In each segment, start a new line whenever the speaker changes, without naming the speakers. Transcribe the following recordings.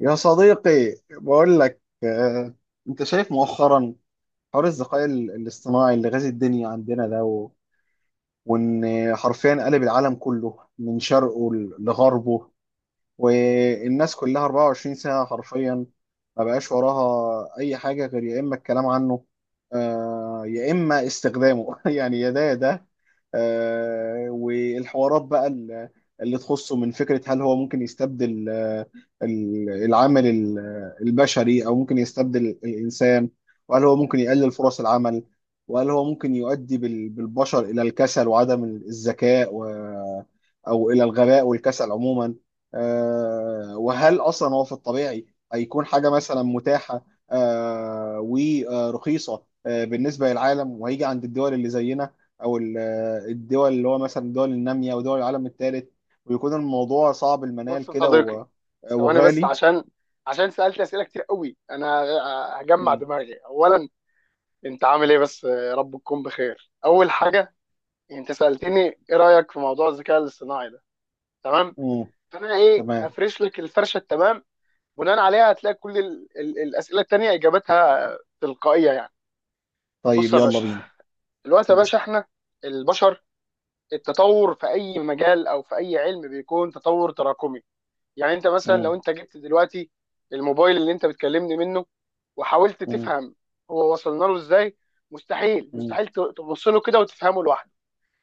يا صديقي بقول لك انت شايف مؤخرا حوار الذكاء الاصطناعي اللي غازي الدنيا عندنا ده وان حرفيا قلب العالم كله من شرقه لغربه، والناس كلها 24 ساعة حرفيا ما بقاش وراها أي حاجة غير يا إما الكلام عنه يا إما استخدامه. يعني يا ده يا ده. والحوارات بقى اللي تخصه من فكرة هل هو ممكن يستبدل العامل البشري، أو ممكن يستبدل الإنسان، وهل هو ممكن يقلل فرص العمل، وهل هو ممكن يؤدي بالبشر إلى الكسل وعدم الذكاء أو إلى الغباء والكسل عموما. وهل اصلا هو في الطبيعي هيكون حاجه مثلا متاحه ورخيصه بالنسبه للعالم، وهيجي عند الدول اللي زينا، او الدول اللي هو مثلا الدول الناميه ودول العالم الثالث، ويكون الموضوع صعب
بص
المنال
يا
كده
صديقي، ثواني بس
وغالي.
عشان سألت أسئلة كتير قوي. أنا هجمع
مم.
دماغي أولا. أنت عامل إيه بس؟ رب تكون بخير أول حاجة. أنت سألتني إيه رأيك في موضوع الذكاء الاصطناعي ده. تمام.
مم.
فأنا إيه
تمام.
هفرش لك الفرشة التمام، بناء عليها هتلاقي كل ال ال الأسئلة التانية إجابتها تلقائية يعني. بص
طيب
يا
يلا
باشا،
بينا.
الوقت يا
مم.
باشا، إحنا البشر، التطور في أي مجال أو في أي علم بيكون تطور تراكمي. يعني انت مثلا لو
مم.
انت جبت دلوقتي الموبايل اللي انت بتكلمني منه وحاولت
مم.
تفهم هو وصلنا له ازاي، مستحيل
مم.
مستحيل تبص له كده وتفهمه لوحده.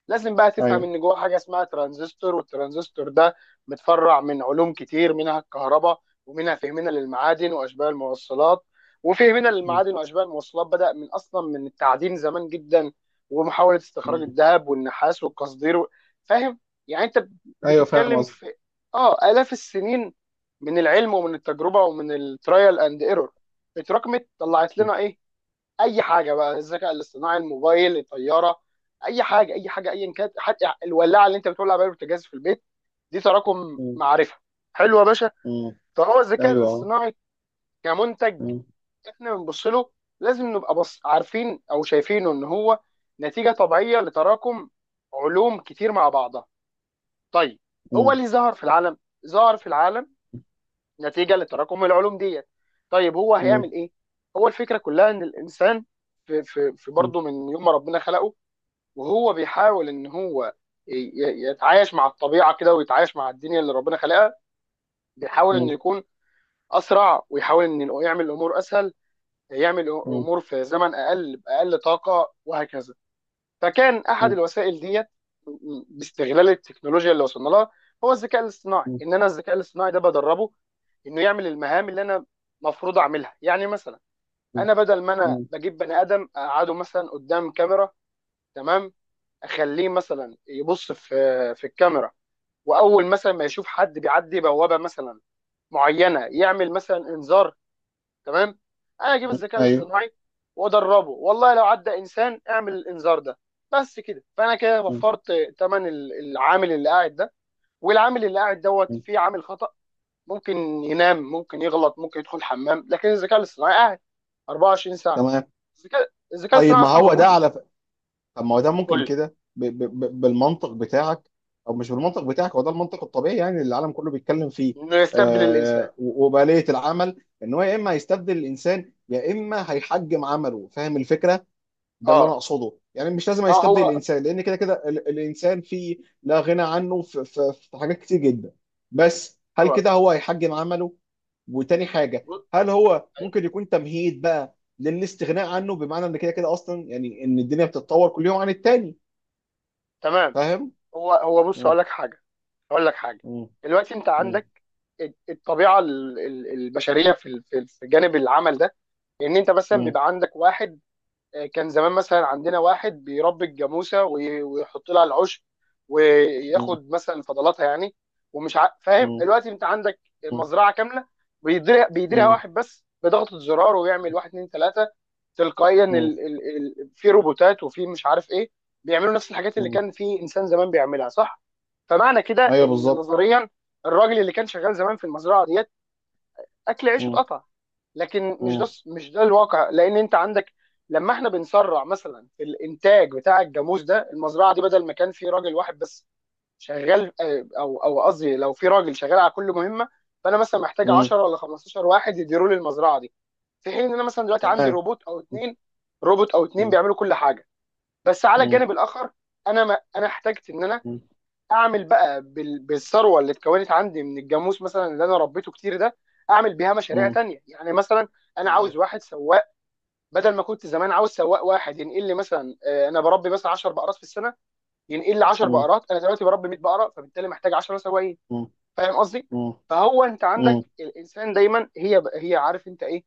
لازم بقى تفهم
ايوه.
ان جواه حاجه اسمها ترانزستور، والترانزستور ده متفرع من علوم كتير، منها الكهرباء ومنها فهمنا للمعادن واشباه الموصلات. وفهمنا
مم.
للمعادن واشباه الموصلات بدأ من اصلا من التعدين زمان جدا، ومحاوله استخراج
مم.
الذهب والنحاس والقصدير فاهم؟ يعني انت
ايوه، فاهم
بتتكلم
قصدي.
في اه آلاف السنين من العلم ومن التجربه ومن الترايل اند ايرور، اتراكمت طلعت
مم.
لنا ايه؟ اي حاجه بقى، الذكاء الاصطناعي، الموبايل، الطياره، اي حاجه اي حاجه ايا كانت، حتى الولاعه اللي انت بتولع بيها البوتاجاز في البيت، دي تراكم
مم.
معرفه. حلو يا باشا.
مم.
فهو الذكاء
ايوه.
الاصطناعي كمنتج،
مم.
احنا بنبص له، لازم نبقى بص عارفين او شايفينه ان هو نتيجه طبيعيه لتراكم علوم كتير مع بعضها. طيب، هو
مم.
اللي ظهر في العالم، ظهر في العالم نتيجه لتراكم العلوم ديت. طيب هو
مم.
هيعمل ايه؟ هو الفكره كلها ان الانسان في
مم.
برضه من يوم ما ربنا خلقه وهو بيحاول ان هو يتعايش مع الطبيعه كده ويتعايش مع الدنيا اللي ربنا خلقها. بيحاول انه
مم.
يكون اسرع ويحاول انه يعمل الامور اسهل، يعمل امور في زمن اقل باقل طاقه، وهكذا. فكان احد
مم.
الوسائل ديت باستغلال التكنولوجيا اللي وصلنا لها هو الذكاء الاصطناعي،
مم.
ان انا الذكاء الاصطناعي ده بدربه انه يعمل المهام اللي انا مفروض اعملها. يعني مثلا
مم.
انا بدل ما انا
مم.
بجيب بني ادم اقعده مثلا قدام كاميرا، تمام، اخليه مثلا يبص في الكاميرا، واول مثلا ما يشوف حد بيعدي بوابه مثلا معينه يعمل مثلا انذار. تمام؟ انا اجيب
مم.
الذكاء
ايوه.
الاصطناعي وادربه والله لو عدى انسان اعمل الانذار ده بس كده، فانا كده
مم.
وفرت ثمن العامل اللي قاعد ده، والعامل اللي قاعد دوت
مم.
فيه عامل خطأ، ممكن ينام، ممكن يغلط، ممكن يدخل حمام، لكن الذكاء الاصطناعي قاعد 24 ساعة ساعه.
تمام.
الذكاء
طيب
الاصطناعي
ما
اصلا
هو ده
موجود.
على ف- طب ما هو ده
قول
ممكن
لي.
كده بالمنطق بتاعك، او مش بالمنطق بتاعك، هو ده المنطق الطبيعي يعني اللي العالم كله بيتكلم فيه.
انه يستبدل الانسان.
وباليه العمل ان هو يا اما هيستبدل الانسان يا اما هيحجم عمله، فاهم الفكره؟ ده اللي انا
اه.
اقصده، يعني مش لازم
اه،
هيستبدل الانسان لان كده كده الانسان فيه لا غنى عنه في حاجات كتير جدا، بس هل
هو
كده هو هيحجم عمله؟ وتاني حاجه،
ب-
هل هو ممكن يكون تمهيد بقى للاستغناء عنه، بمعنى ان كده كده اصلا يعني ان الدنيا بتتطور كل يوم عن التاني،
تمام.
فاهم؟
هو هو بص
م-
اقول لك حاجه. اقول لك حاجه
م-
دلوقتي انت
م-
عندك الطبيعه البشريه في جانب العمل ده، ان انت مثلا
م-
بيبقى عندك واحد. كان زمان مثلا عندنا واحد بيربي الجاموسه ويحط لها العشب
م-
وياخد مثلا فضلاتها يعني فاهم.
م-
دلوقتي انت عندك
م-
مزرعه كامله بيديرها
م-
واحد بس، بضغطه زرار ويعمل واحد اتنين تلاته تلقائيا،
م-
في روبوتات وفي مش عارف ايه بيعملوا نفس الحاجات اللي
م-
كان في انسان زمان بيعملها، صح؟ فمعنى كده
ايوه
ان
بالظبط.
نظريا الراجل اللي كان شغال زمان في المزرعه ديت اكل عيشه
م-
اتقطع. لكن مش ده
م-
مش ده الواقع، لان انت عندك لما احنا بنسرع مثلا في الانتاج بتاع الجاموس ده، المزرعه دي بدل ما كان في راجل واحد بس شغال، او قصدي لو في راجل شغال على كل مهمه، فانا مثلا محتاج
م.
10 ولا 15 واحد يديروا لي المزرعه دي، في حين ان انا مثلا دلوقتي عندي
تمام.
روبوت او
م-
اثنين. روبوت او اثنين
م-
بيعملوا كل حاجه. بس على
م-
الجانب الاخر، انا ما انا احتجت ان انا
م-
اعمل بقى بالثروه اللي اتكونت عندي من الجاموس مثلا اللي انا ربيته كتير ده، اعمل بيها مشاريع
م.
تانية. يعني مثلا انا
تمام.
عاوز واحد سواق، بدل ما كنت زمان عاوز سواق واحد ينقل لي مثلا، انا بربي مثلا 10 بقرات في السنه ينقل لي 10
م-
بقرات، انا دلوقتي بربي 100 بقره فبالتالي محتاج 10 سواقين.
م-
فاهم قصدي؟
م- م-
فهو انت
م- م-
عندك
م-
الانسان دايما، هي عارف انت ايه،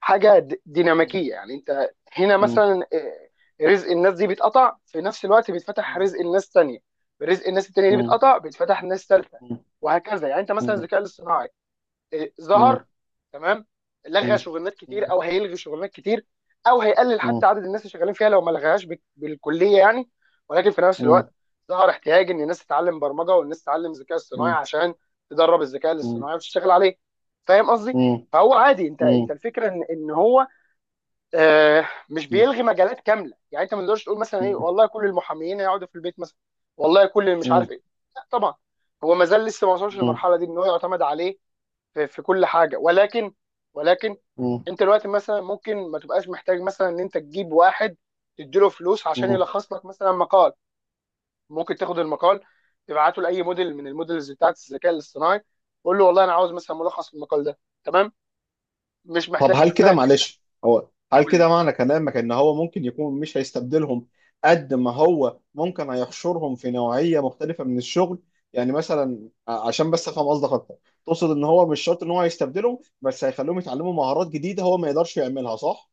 حاجه
م-
ديناميكيه. يعني انت هنا
م- م- م-
مثلا رزق الناس دي بيتقطع في نفس الوقت بيتفتح رزق الناس تانية، رزق الناس التانية دي
م-
بيتقطع بيتفتح ناس تالتة، وهكذا. يعني انت
م-
مثلا
م-
الذكاء الاصطناعي ظهر، تمام، لغى شغلانات كتير او هيلغي شغلانات كتير، او هيقلل حتى عدد الناس اللي شغالين فيها لو ما لغاهاش بالكليه يعني. ولكن في نفس الوقت ظهر احتياج ان الناس تتعلم برمجه والناس تتعلم ذكاء اصطناعي عشان تدرب الذكاء
م- م-
الاصطناعي وتشتغل عليه. فاهم قصدي؟
م-
فهو عادي. انت
م-
الفكره ان هو مش
مم.
بيلغي مجالات كامله. يعني انت ما تقدرش تقول مثلا ايه،
مم.
والله كل المحاميين هيقعدوا في البيت مثلا، والله كل اللي مش
مم.
عارف ايه، لا طبعا. هو ما زال لسه ما وصلش
مم.
للمرحله دي ان هو يعتمد عليه في كل حاجه، ولكن ولكن
مم.
انت دلوقتي مثلا ممكن ما تبقاش محتاج مثلا ان انت تجيب واحد تديله فلوس عشان
مم.
يلخص لك مثلا مقال. ممكن تاخد المقال تبعته لاي موديل من الموديلز بتاعت الذكاء الاصطناعي، قول له والله انا عاوز مثلا ملخص المقال ده، تمام، مش
طب
محتاج مثلا ان انت
هل
تقول
كده
لي.
معنى كلامك ان هو ممكن يكون مش هيستبدلهم قد ما هو ممكن هيحشرهم في نوعية مختلفة من الشغل؟ يعني مثلا عشان بس افهم قصدك اكتر، تقصد ان هو مش شرط ان هو هيستبدلهم بس هيخليهم يتعلموا مهارات جديدة هو ما يقدرش يعملها، صح؟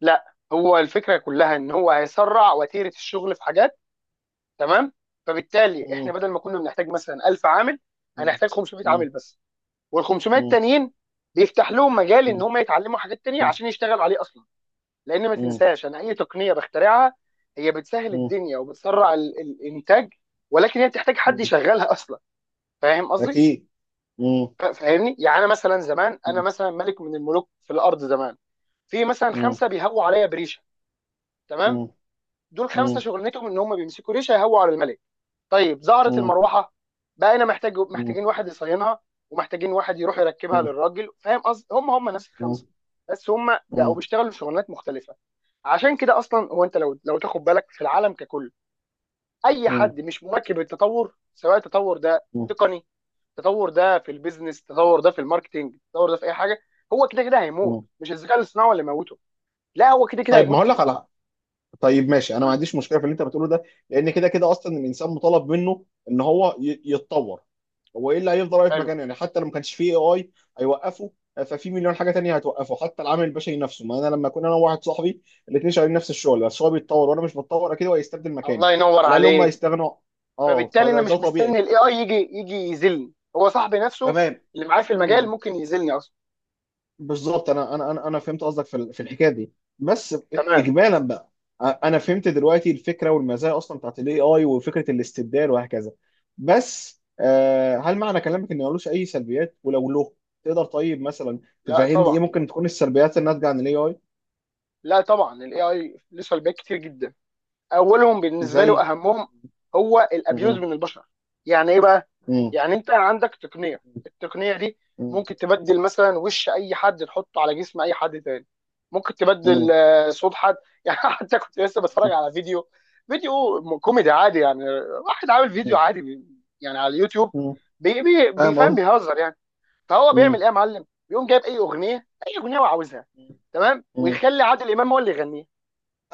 لا، هو الفكره كلها ان هو هيسرع وتيره الشغل في حاجات، تمام، فبالتالي احنا
مم.
بدل ما كنا بنحتاج مثلا 1000 عامل
مم.
هنحتاج 500
مم.
عامل بس، وال 500
مم.
التانيين بيفتح لهم مجال ان
مم.
هم يتعلموا حاجات تانية
مم.
عشان يشتغلوا عليه اصلا. لان ما
مم.
تنساش، انا اي تقنيه بخترعها هي بتسهل
مم.
الدنيا وبتسرع الانتاج، ولكن هي بتحتاج حد
مم.
يشغلها اصلا. فاهم قصدي؟
اكيد. مم.
فاهمني يعني. انا مثلا زمان، انا
مم.
مثلا ملك من الملوك في الارض زمان، في مثلا
مم.
خمسه بيهووا عليا بريشه، تمام،
مم.
دول خمسه
مم.
شغلتهم ان هم بيمسكوا ريشه يهووا على الملك. طيب، ظهرت
مم.
المروحه، بقينا محتاجين واحد يصينها، ومحتاجين واحد يروح يركبها
مم.
للراجل. فاهم قصدي؟ هم نفس
مم.
الخمسه، بس هم بقوا
مم.
بيشتغلوا شغلانات مختلفه. عشان كده اصلا هو، انت لو تاخد بالك في العالم ككل، اي
مم.
حد مش مواكب التطور، سواء التطور ده
مم.
تقني، التطور ده في البيزنس، التطور ده في الماركتينج، التطور ده في اي حاجه، هو كده كده هيموت.
مم.
مش الذكاء الاصطناعي هو اللي موته، لا، هو كده كده
طيب ما
هيموت
اقول لك
اصلا.
على طيب ماشي، انا ما
قول.
عنديش مشكله في اللي انت بتقوله ده، لان كده كده اصلا الانسان مطالب منه ان هو يتطور. هو ايه اللي هيفضل واقف
حلو.
مكانه؟ يعني حتى لو ما كانش فيه AI هيوقفه، ففي مليون حاجه تانية هتوقفه، حتى العامل البشري نفسه. ما انا لما اكون انا وواحد صاحبي الاثنين شغالين نفس الشغل، بس هو بيتطور وانا مش بتطور، اكيد هو هيستبدل مكاني،
الله ينور
على الاقل هم
عليك.
هيستغنوا. اه
فبالتالي
فده
انا مش مستني
طبيعي.
الاي اي يجي، يذلني هو صاحبي نفسه
تمام.
اللي معاه في المجال
مم.
ممكن يذلني اصلا.
بالظبط، انا انا انا أنا فهمت قصدك في الحكايه دي، بس
تمام.
اجمالا بقى انا فهمت دلوقتي الفكره والمزايا اصلا بتاعت الـAI وفكره الاستبدال وهكذا. بس هل معنى كلامك ان ملوش اي سلبيات؟ ولو له، تقدر طيب مثلا
لا
تفهمني ايه
طبعا.
ممكن تكون السلبيات الناتجه عن الـAI؟
لا طبعا، الاي اي له سلبيات كتير جدا، اولهم بالنسبه لي
زي؟
واهمهم هو الابيوز
مم،
من البشر. يعني ايه بقى؟
مم،
يعني انت عندك تقنيه، التقنيه دي
مم،
ممكن تبدل مثلا وش اي حد تحطه على جسم اي حد تاني، ممكن تبدل
مم،
صوت حد يعني. حتى كنت لسه بتفرج على فيديو، كوميدي عادي يعني. واحد عامل فيديو
مم،
عادي، يعني على اليوتيوب،
مم.
بي بي
فاهم
بيفهم
قصدي.
بيهزر يعني. فهو بيعمل
مم،
ايه يا معلم؟ بيقوم جايب اي اغنيه هو عاوزها، تمام،
مم.
ويخلي عادل امام هو اللي يغنيها.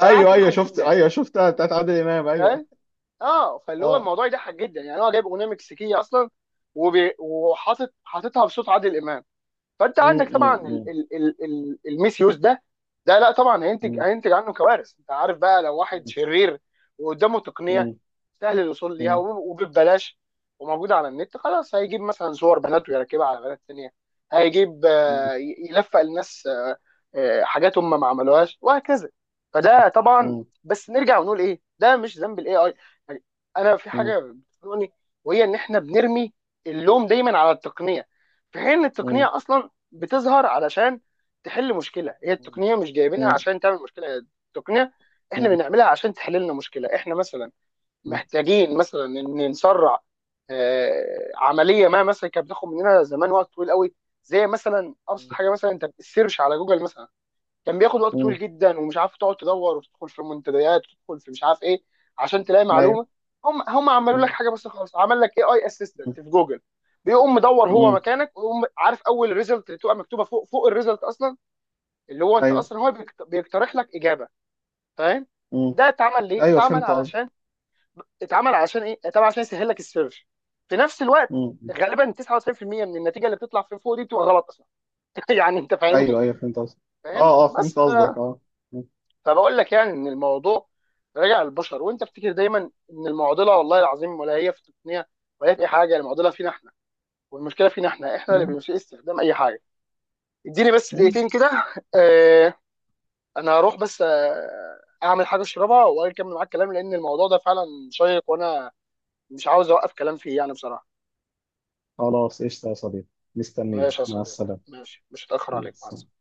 فانا قعدت
ايوه ايوه،
اضحك
شفت،
جدا.
ايوه شفتها بتاعت عادل امام، ايوه.
اه، فاللي هو
اه.
الموضوع يضحك جدا يعني، هو جايب اغنيه مكسيكيه اصلا، حاططها بصوت عادل امام. فانت
مم،
عندك طبعا
مم،
الميس يوز ده. ده لا طبعا هينتج،
مم،
عنه كوارث. انت عارف بقى، لو واحد
مم.
شرير وقدامه تقنيه
مم.
سهل الوصول ليها
مم.
وببلاش وموجوده على النت، خلاص، هيجيب مثلا صور بنات ويركبها على بنات تانيه، هيجيب
مم.
يلفق للناس حاجات هم ما عملوهاش، وهكذا. فده طبعا.
مم.
بس نرجع ونقول ايه، ده مش ذنب الاي اي. انا في
مم.
حاجه بتضايقني، وهي ان احنا بنرمي اللوم دايما على التقنيه، في حين ان
مم.
التقنيه اصلا بتظهر علشان تحل مشكله، هي التقنيه مش جايبينها
مم.
عشان تعمل مشكله، هي التقنيه احنا بنعملها عشان تحل لنا مشكله. احنا مثلا
مم.
محتاجين مثلا ان نسرع عمليه ما مثلا كانت بتاخد مننا زمان وقت طويل قوي، زي مثلا ابسط حاجه مثلا، انت السيرش على جوجل مثلا كان بياخد وقت طويل
مم.
جدا ومش عارف، تقعد تدور وتدخل في منتديات وتدخل في مش عارف ايه عشان تلاقي
ايوه.
معلومه. هم عملوا لك
مم.
حاجه بس خلاص، عمل لك اي اي
مم.
اسيستنت في جوجل بيقوم مدور هو
مم.
مكانك، ويقوم عارف اول ريزلت اللي تبقى مكتوبه فوق الريزلت اصلا، اللي هو انت
ايوه.
اصلا هو بيقترح لك اجابه. فاهم؟
مم.
ده اتعمل ليه؟
ايوه
اتعمل
فهمت قصدك.
علشان، اتعمل علشان ايه، اتعمل عشان يسهل لك السيرش. في نفس الوقت،
مم.
غالبا 99% من النتيجه اللي بتطلع في فوق دي بتبقى غلط اصلا يعني. انت فاهمني؟
ايوه ايوه فهمت قصدك
فاهم
اه. اه فهمت
بس.
قصدك اه.
فبقول لك يعني ان الموضوع راجع للبشر، وانت افتكر دايما ان المعضله والله العظيم ولا هي في التقنيه ولا هي في اي حاجه، المعضله فينا احنا، والمشكله فينا احنا، احنا اللي
مم.
بنسيء استخدام اي حاجه. اديني بس
مم.
دقيقتين كده آه انا هروح بس اعمل حاجه اشربها واجي اكمل معاك الكلام، لان الموضوع ده فعلا شيق، وانا مش عاوز اوقف كلام فيه يعني بصراحه.
خلاص قشطة يا صديقي، مستنيك.
ماشي يا
مع
صديقي،
السلامة.
ماشي، مش هتاخر
مع
عليك. مع
السلامة.